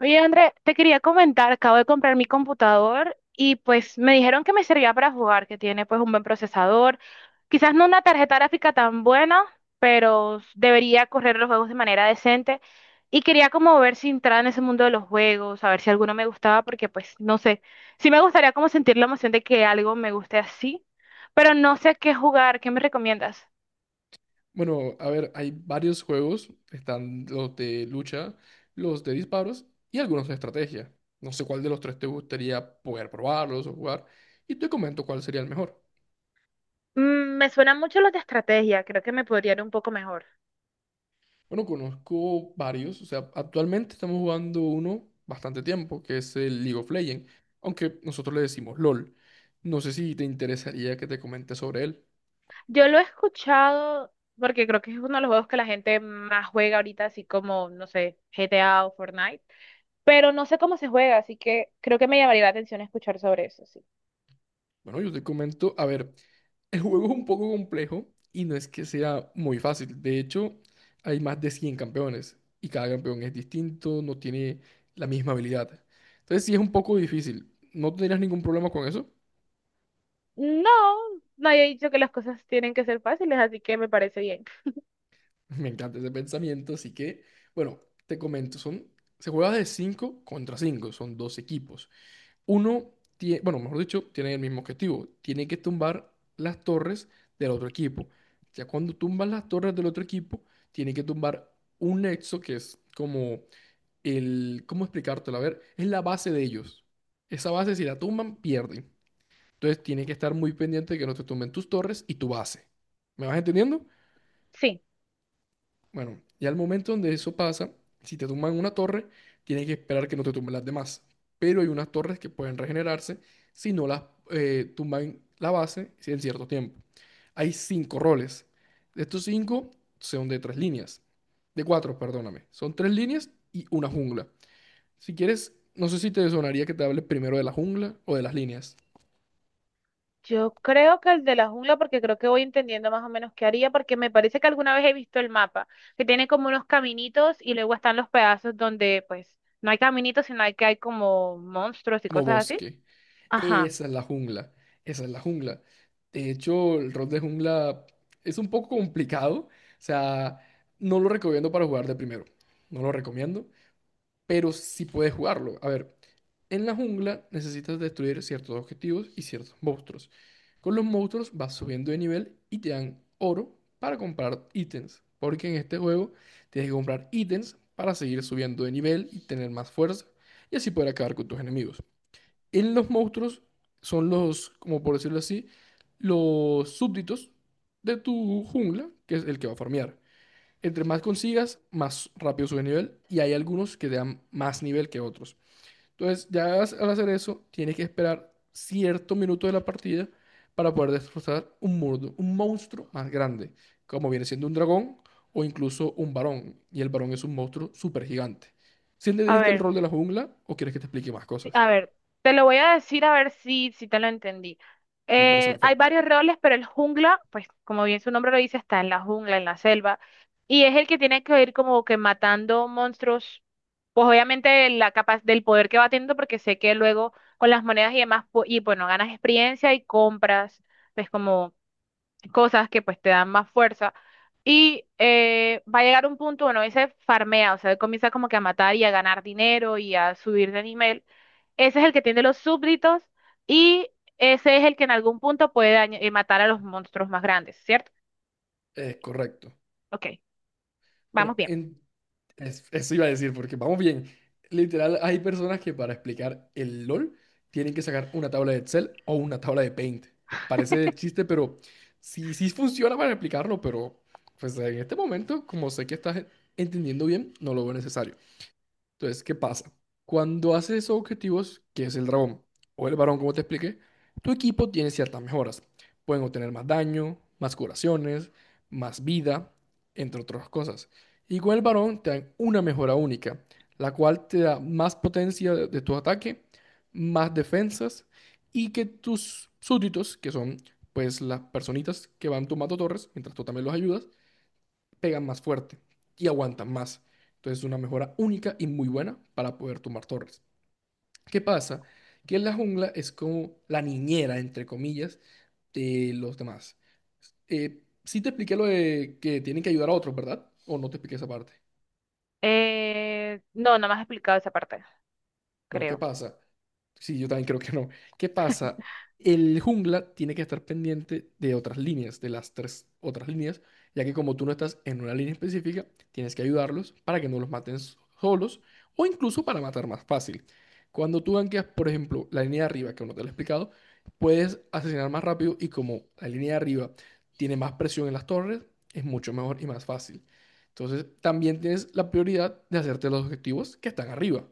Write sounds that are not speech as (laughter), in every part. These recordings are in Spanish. Oye, André, te quería comentar, acabo de comprar mi computador y pues me dijeron que me servía para jugar, que tiene pues un buen procesador, quizás no una tarjeta gráfica tan buena, pero debería correr los juegos de manera decente y quería como ver si entraba en ese mundo de los juegos, a ver si alguno me gustaba, porque pues no sé, sí me gustaría como sentir la emoción de que algo me guste así, pero no sé qué jugar, ¿qué me recomiendas? Bueno, a ver, hay varios juegos. Están los de lucha, los de disparos y algunos de estrategia. No sé cuál de los tres te gustaría poder probarlos o jugar. Y te comento cuál sería el mejor. Mm, me suenan mucho los de estrategia, creo que me podría ir un poco mejor. Bueno, conozco varios. O sea, actualmente estamos jugando uno bastante tiempo, que es el League of Legends. Aunque nosotros le decimos LOL. No sé si te interesaría que te comente sobre él. Yo lo he escuchado porque creo que es uno de los juegos que la gente más juega ahorita, así como, no sé, GTA o Fortnite, pero no sé cómo se juega, así que creo que me llamaría la atención escuchar sobre eso, sí. Bueno, yo te comento. A ver. El juego es un poco complejo y no es que sea muy fácil. De hecho, hay más de 100 campeones y cada campeón es distinto, no tiene la misma habilidad. Entonces, sí es un poco difícil. ¿No tendrías ningún problema con eso? No, nadie ha dicho que las cosas tienen que ser fáciles, así que me parece bien. (laughs) Me encanta ese pensamiento, así que, bueno, te comento, son, se juega de 5 contra 5, son dos equipos. Uno tiene, bueno, mejor dicho, tiene el mismo objetivo. Tiene que tumbar las torres del otro equipo. Ya cuando tumban las torres del otro equipo, tiene que tumbar un nexo que es como el, ¿cómo explicártelo? A ver, es la base de ellos. Esa base, si la tumban, pierden. Entonces, tiene que estar muy pendiente de que no te tumben tus torres y tu base. ¿Me vas entendiendo? Sí, Bueno, y al momento donde eso pasa, si te tumban una torre, tienes que esperar que no te tumben las demás. Pero hay unas torres que pueden regenerarse si no las tumban la base en cierto tiempo. Hay cinco roles. De estos cinco son de tres líneas. De cuatro, perdóname. Son tres líneas y una jungla. Si quieres, no sé si te sonaría que te hable primero de la jungla o de las líneas. yo creo que el de la jungla, porque creo que voy entendiendo más o menos qué haría, porque me parece que alguna vez he visto el mapa, que tiene como unos caminitos y luego están los pedazos donde, pues, no hay caminitos, sino hay que hay como monstruos y Como cosas así. bosque. Ajá. Esa es la jungla, esa es la jungla. De hecho, el rol de jungla es un poco complicado, o sea, no lo recomiendo para jugar de primero, no lo recomiendo, pero sí puedes jugarlo. A ver, en la jungla necesitas destruir ciertos objetivos y ciertos monstruos. Con los monstruos vas subiendo de nivel y te dan oro para comprar ítems, porque en este juego tienes que comprar ítems para seguir subiendo de nivel y tener más fuerza y así poder acabar con tus enemigos. En los monstruos son los, como por decirlo así, los súbditos de tu jungla, que es el que va a farmear. Entre más consigas, más rápido sube nivel y hay algunos que te dan más nivel que otros. Entonces, ya al hacer eso, tienes que esperar cierto minuto de la partida para poder destrozar un muro, un monstruo más grande, como viene siendo un dragón o incluso un varón. Y el varón es un monstruo súper gigante. ¿Si A entendiste el ver. rol de la jungla o quieres que te explique más Sí, cosas? a ver, te lo voy a decir a ver si te lo entendí. Me parece Hay perfecto. varios roles, pero el jungla, pues como bien su nombre lo dice, está en la jungla, en la selva, y es el que tiene que ir como que matando monstruos, pues obviamente la capa del poder que va teniendo, porque sé que luego con las monedas y demás, y bueno, ganas experiencia y compras, pues como cosas que pues te dan más fuerza. Y va a llegar un punto, bueno, ese farmea, o sea, él comienza como que a matar y a ganar dinero y a subir de nivel. Ese es el que tiene los súbditos y ese es el que en algún punto puede matar a los monstruos más grandes, ¿cierto? Correcto. Ok, Bueno, vamos bien. Eso iba a decir, porque vamos bien. Literal, hay personas que para explicar el LOL tienen que sacar una tabla de Excel o una tabla de Paint. Parece chiste, pero sí, sí funciona para explicarlo, pero pues en este momento, como sé que estás entendiendo bien, no lo veo necesario. Entonces, ¿qué pasa? Cuando haces esos objetivos, que es el dragón o el varón, como te expliqué, tu equipo tiene ciertas mejoras. Pueden obtener más daño, más curaciones, más vida, entre otras cosas. Y con el varón te dan una mejora única, la cual te da más potencia de tu ataque, más defensas y que tus súbditos, que son pues las personitas que van tomando torres, mientras tú también los ayudas, pegan más fuerte y aguantan más. Entonces es una mejora única y muy buena para poder tumbar torres. ¿Qué pasa? Que la jungla es como la niñera, entre comillas, de los demás. Sí te expliqué lo de que tienen que ayudar a otros, ¿verdad? ¿O no te expliqué esa parte? No, no me has explicado esa parte, Bueno, ¿qué creo. pasa? Sí, yo también creo que no. ¿Qué pasa? El jungla tiene que estar pendiente de otras líneas, de las tres otras líneas, ya que como tú no estás en una línea específica, tienes que ayudarlos para que no los maten solos o incluso para matar más fácil. Cuando tú gankeas, por ejemplo, la línea de arriba, que aún no te lo he explicado, puedes asesinar más rápido y como la línea de arriba tiene más presión en las torres, es mucho mejor y más fácil. Entonces, también tienes la prioridad de hacerte los objetivos que están arriba.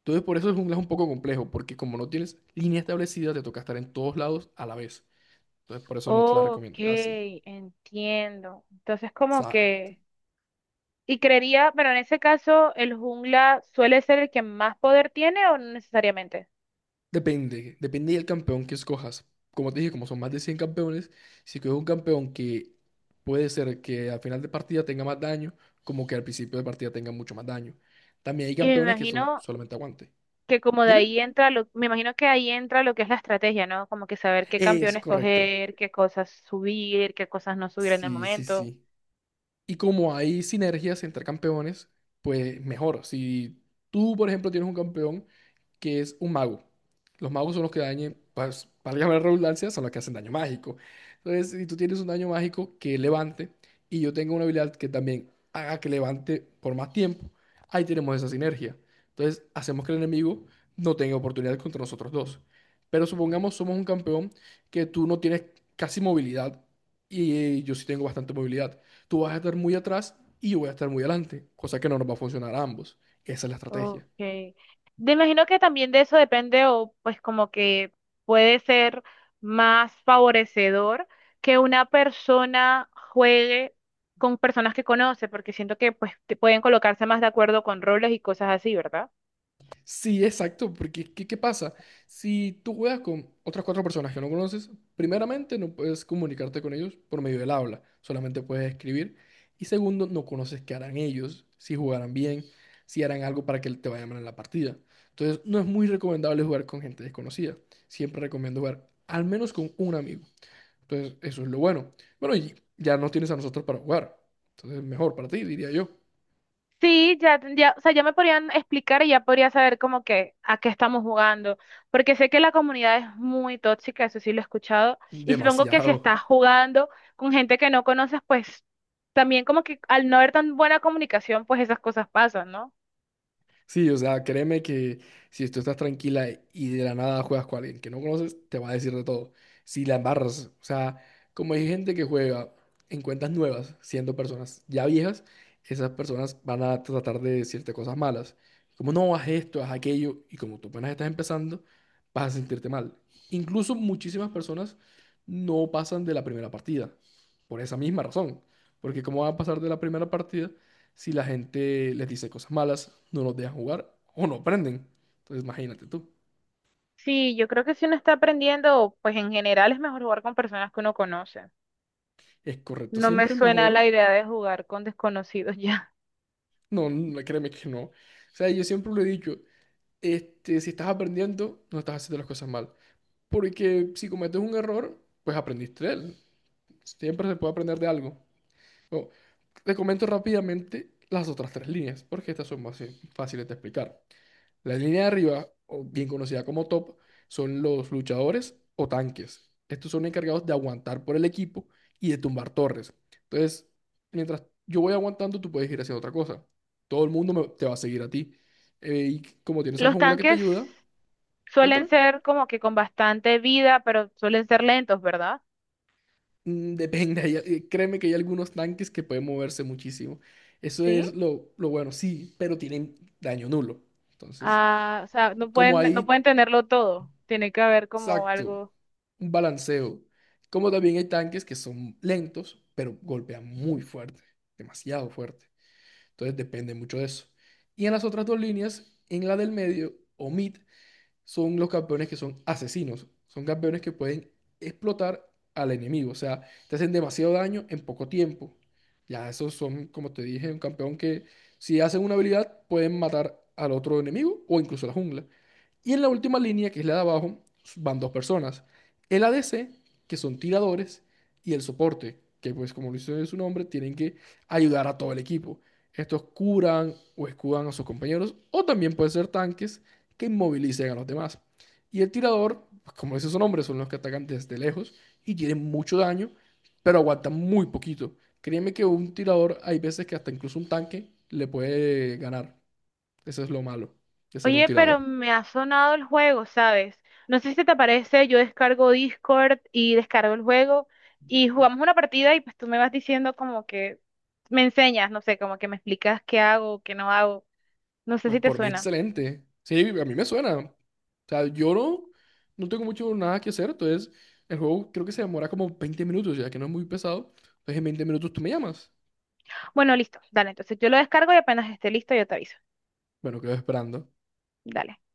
Entonces, por eso el jungla es un poco complejo, porque como no tienes línea establecida, te toca estar en todos lados a la vez. Entonces, por eso no te la Ok, recomiendo casi. entiendo. Entonces como Exacto. que... Y creería, bueno, en ese caso, el jungla suele ser el que más poder tiene o no necesariamente. Depende, depende del campeón que escojas. Como te dije, como son más de 100 campeones, si coges un campeón que puede ser que al final de partida tenga más daño, como que al principio de partida tenga mucho más daño. También hay Y me campeones que son imagino solamente aguante. que como de Dime. ahí entra lo, me imagino que ahí entra lo que es la estrategia, ¿no? Como que saber qué Es campeón correcto. escoger, qué cosas subir, qué cosas no subir en el Sí, sí, momento. sí. Y como hay sinergias entre campeones, pues mejor. Si tú, por ejemplo, tienes un campeón que es un mago, los magos son los que dañen, pues, para llamar redundancia, son los que hacen daño mágico. Entonces, si tú tienes un daño mágico que levante y yo tengo una habilidad que también haga que levante por más tiempo, ahí tenemos esa sinergia. Entonces, hacemos que el enemigo no tenga oportunidad contra nosotros dos. Pero supongamos somos un campeón que tú no tienes casi movilidad y yo sí tengo bastante movilidad tú vas a estar muy atrás y yo voy a estar muy adelante, cosa que no nos va a funcionar a ambos. Esa es la estrategia. Okay. Me imagino que también de eso depende o pues como que puede ser más favorecedor que una persona juegue con personas que conoce, porque siento que pues te pueden colocarse más de acuerdo con roles y cosas así, ¿verdad? Sí, exacto, porque ¿qué, qué pasa? Si tú juegas con otras cuatro personas que no conoces, primeramente no puedes comunicarte con ellos por medio del habla, solamente puedes escribir. Y segundo, no conoces qué harán ellos, si jugarán bien, si harán algo para que te vaya mal en la partida. Entonces, no es muy recomendable jugar con gente desconocida. Siempre recomiendo jugar al menos con un amigo. Entonces, eso es lo bueno. Bueno, y ya no tienes a nosotros para jugar. Entonces, mejor para ti, diría yo. Sí, ya tendría, o sea, ya me podrían explicar y ya podría saber como que a qué estamos jugando, porque sé que la comunidad es muy tóxica, eso sí lo he escuchado, y supongo que si Demasiado. estás jugando con gente que no conoces, pues también como que al no haber tan buena comunicación, pues esas cosas pasan, ¿no? Sí, o sea, créeme que si tú estás tranquila y de la nada juegas con alguien que no conoces, te va a decir de todo. Si la embarras, o sea, como hay gente que juega en cuentas nuevas, siendo personas ya viejas, esas personas van a tratar de decirte cosas malas. Como no, haz esto, haz aquello, y como tú apenas estás empezando, vas a sentirte mal. Incluso muchísimas personas no pasan de la primera partida, por esa misma razón. Porque ¿cómo van a pasar de la primera partida si la gente les dice cosas malas, no los dejan jugar o no aprenden. Entonces, imagínate tú. Sí, yo creo que si uno está aprendiendo, pues en general es mejor jugar con personas que uno conoce. Es correcto, No me siempre es suena la mejor. idea de jugar con desconocidos (laughs) ya. No, no, créeme que no. O sea, yo siempre lo he dicho, este, si estás aprendiendo, no estás haciendo las cosas mal. Porque si cometes un error, pues aprendiste de él. Siempre se puede aprender de algo. Bueno, te comento rápidamente las otras tres líneas, porque estas son más fáciles de explicar. La línea de arriba, o bien conocida como top, son los luchadores o tanques. Estos son encargados de aguantar por el equipo y de tumbar torres. Entonces, mientras yo voy aguantando, tú puedes ir haciendo otra cosa. Todo el mundo te va a seguir a ti. Y como tienes al Los jungla que te tanques ayuda, suelen cuéntame. ser como que con bastante vida, pero suelen ser lentos, ¿verdad? Mm, depende, créeme que hay algunos tanques que pueden moverse muchísimo. Eso ¿Sí? es lo bueno, sí, pero tienen daño nulo. Entonces, Ah, o sea, no como pueden, no ahí pueden tenerlo todo. Tiene que haber como exacto, algo. un balanceo. Como también hay tanques que son lentos, pero golpean muy fuerte, demasiado fuerte. Entonces depende mucho de eso. Y en las otras dos líneas, en la del medio, o mid, son los campeones que son asesinos. Son campeones que pueden explotar al enemigo. O sea, te hacen demasiado daño en poco tiempo. Ya esos son, como te dije, un campeón que si hacen una habilidad pueden matar al otro enemigo o incluso a la jungla. Y en la última línea, que es la de abajo, van dos personas. El ADC, que son tiradores, y el soporte, que pues como lo dice su nombre, tienen que ayudar a todo el equipo. Estos curan o escudan a sus compañeros, o también pueden ser tanques que inmovilicen a los demás. Y el tirador, pues, como dice su nombre, son los que atacan desde lejos y tienen mucho daño, pero aguantan muy poquito. Créeme que un tirador, hay veces que hasta incluso un tanque le puede ganar. Eso es lo malo de ser un Oye, pero tirador. me ha sonado el juego, ¿sabes? No sé si te parece, yo descargo Discord y descargo el juego y jugamos una partida y pues tú me vas diciendo como que me enseñas, no sé, como que me explicas qué hago, qué no hago. No sé Pues si te por mí, suena. excelente. Sí, a mí me suena. O sea, yo no, no tengo mucho nada que hacer. Entonces, el juego creo que se demora como 20 minutos, ya que no es muy pesado. Entonces, en 20 minutos tú me llamas. Bueno, listo, dale, entonces yo lo descargo y apenas esté listo yo te aviso. Bueno, quedo esperando. Dale.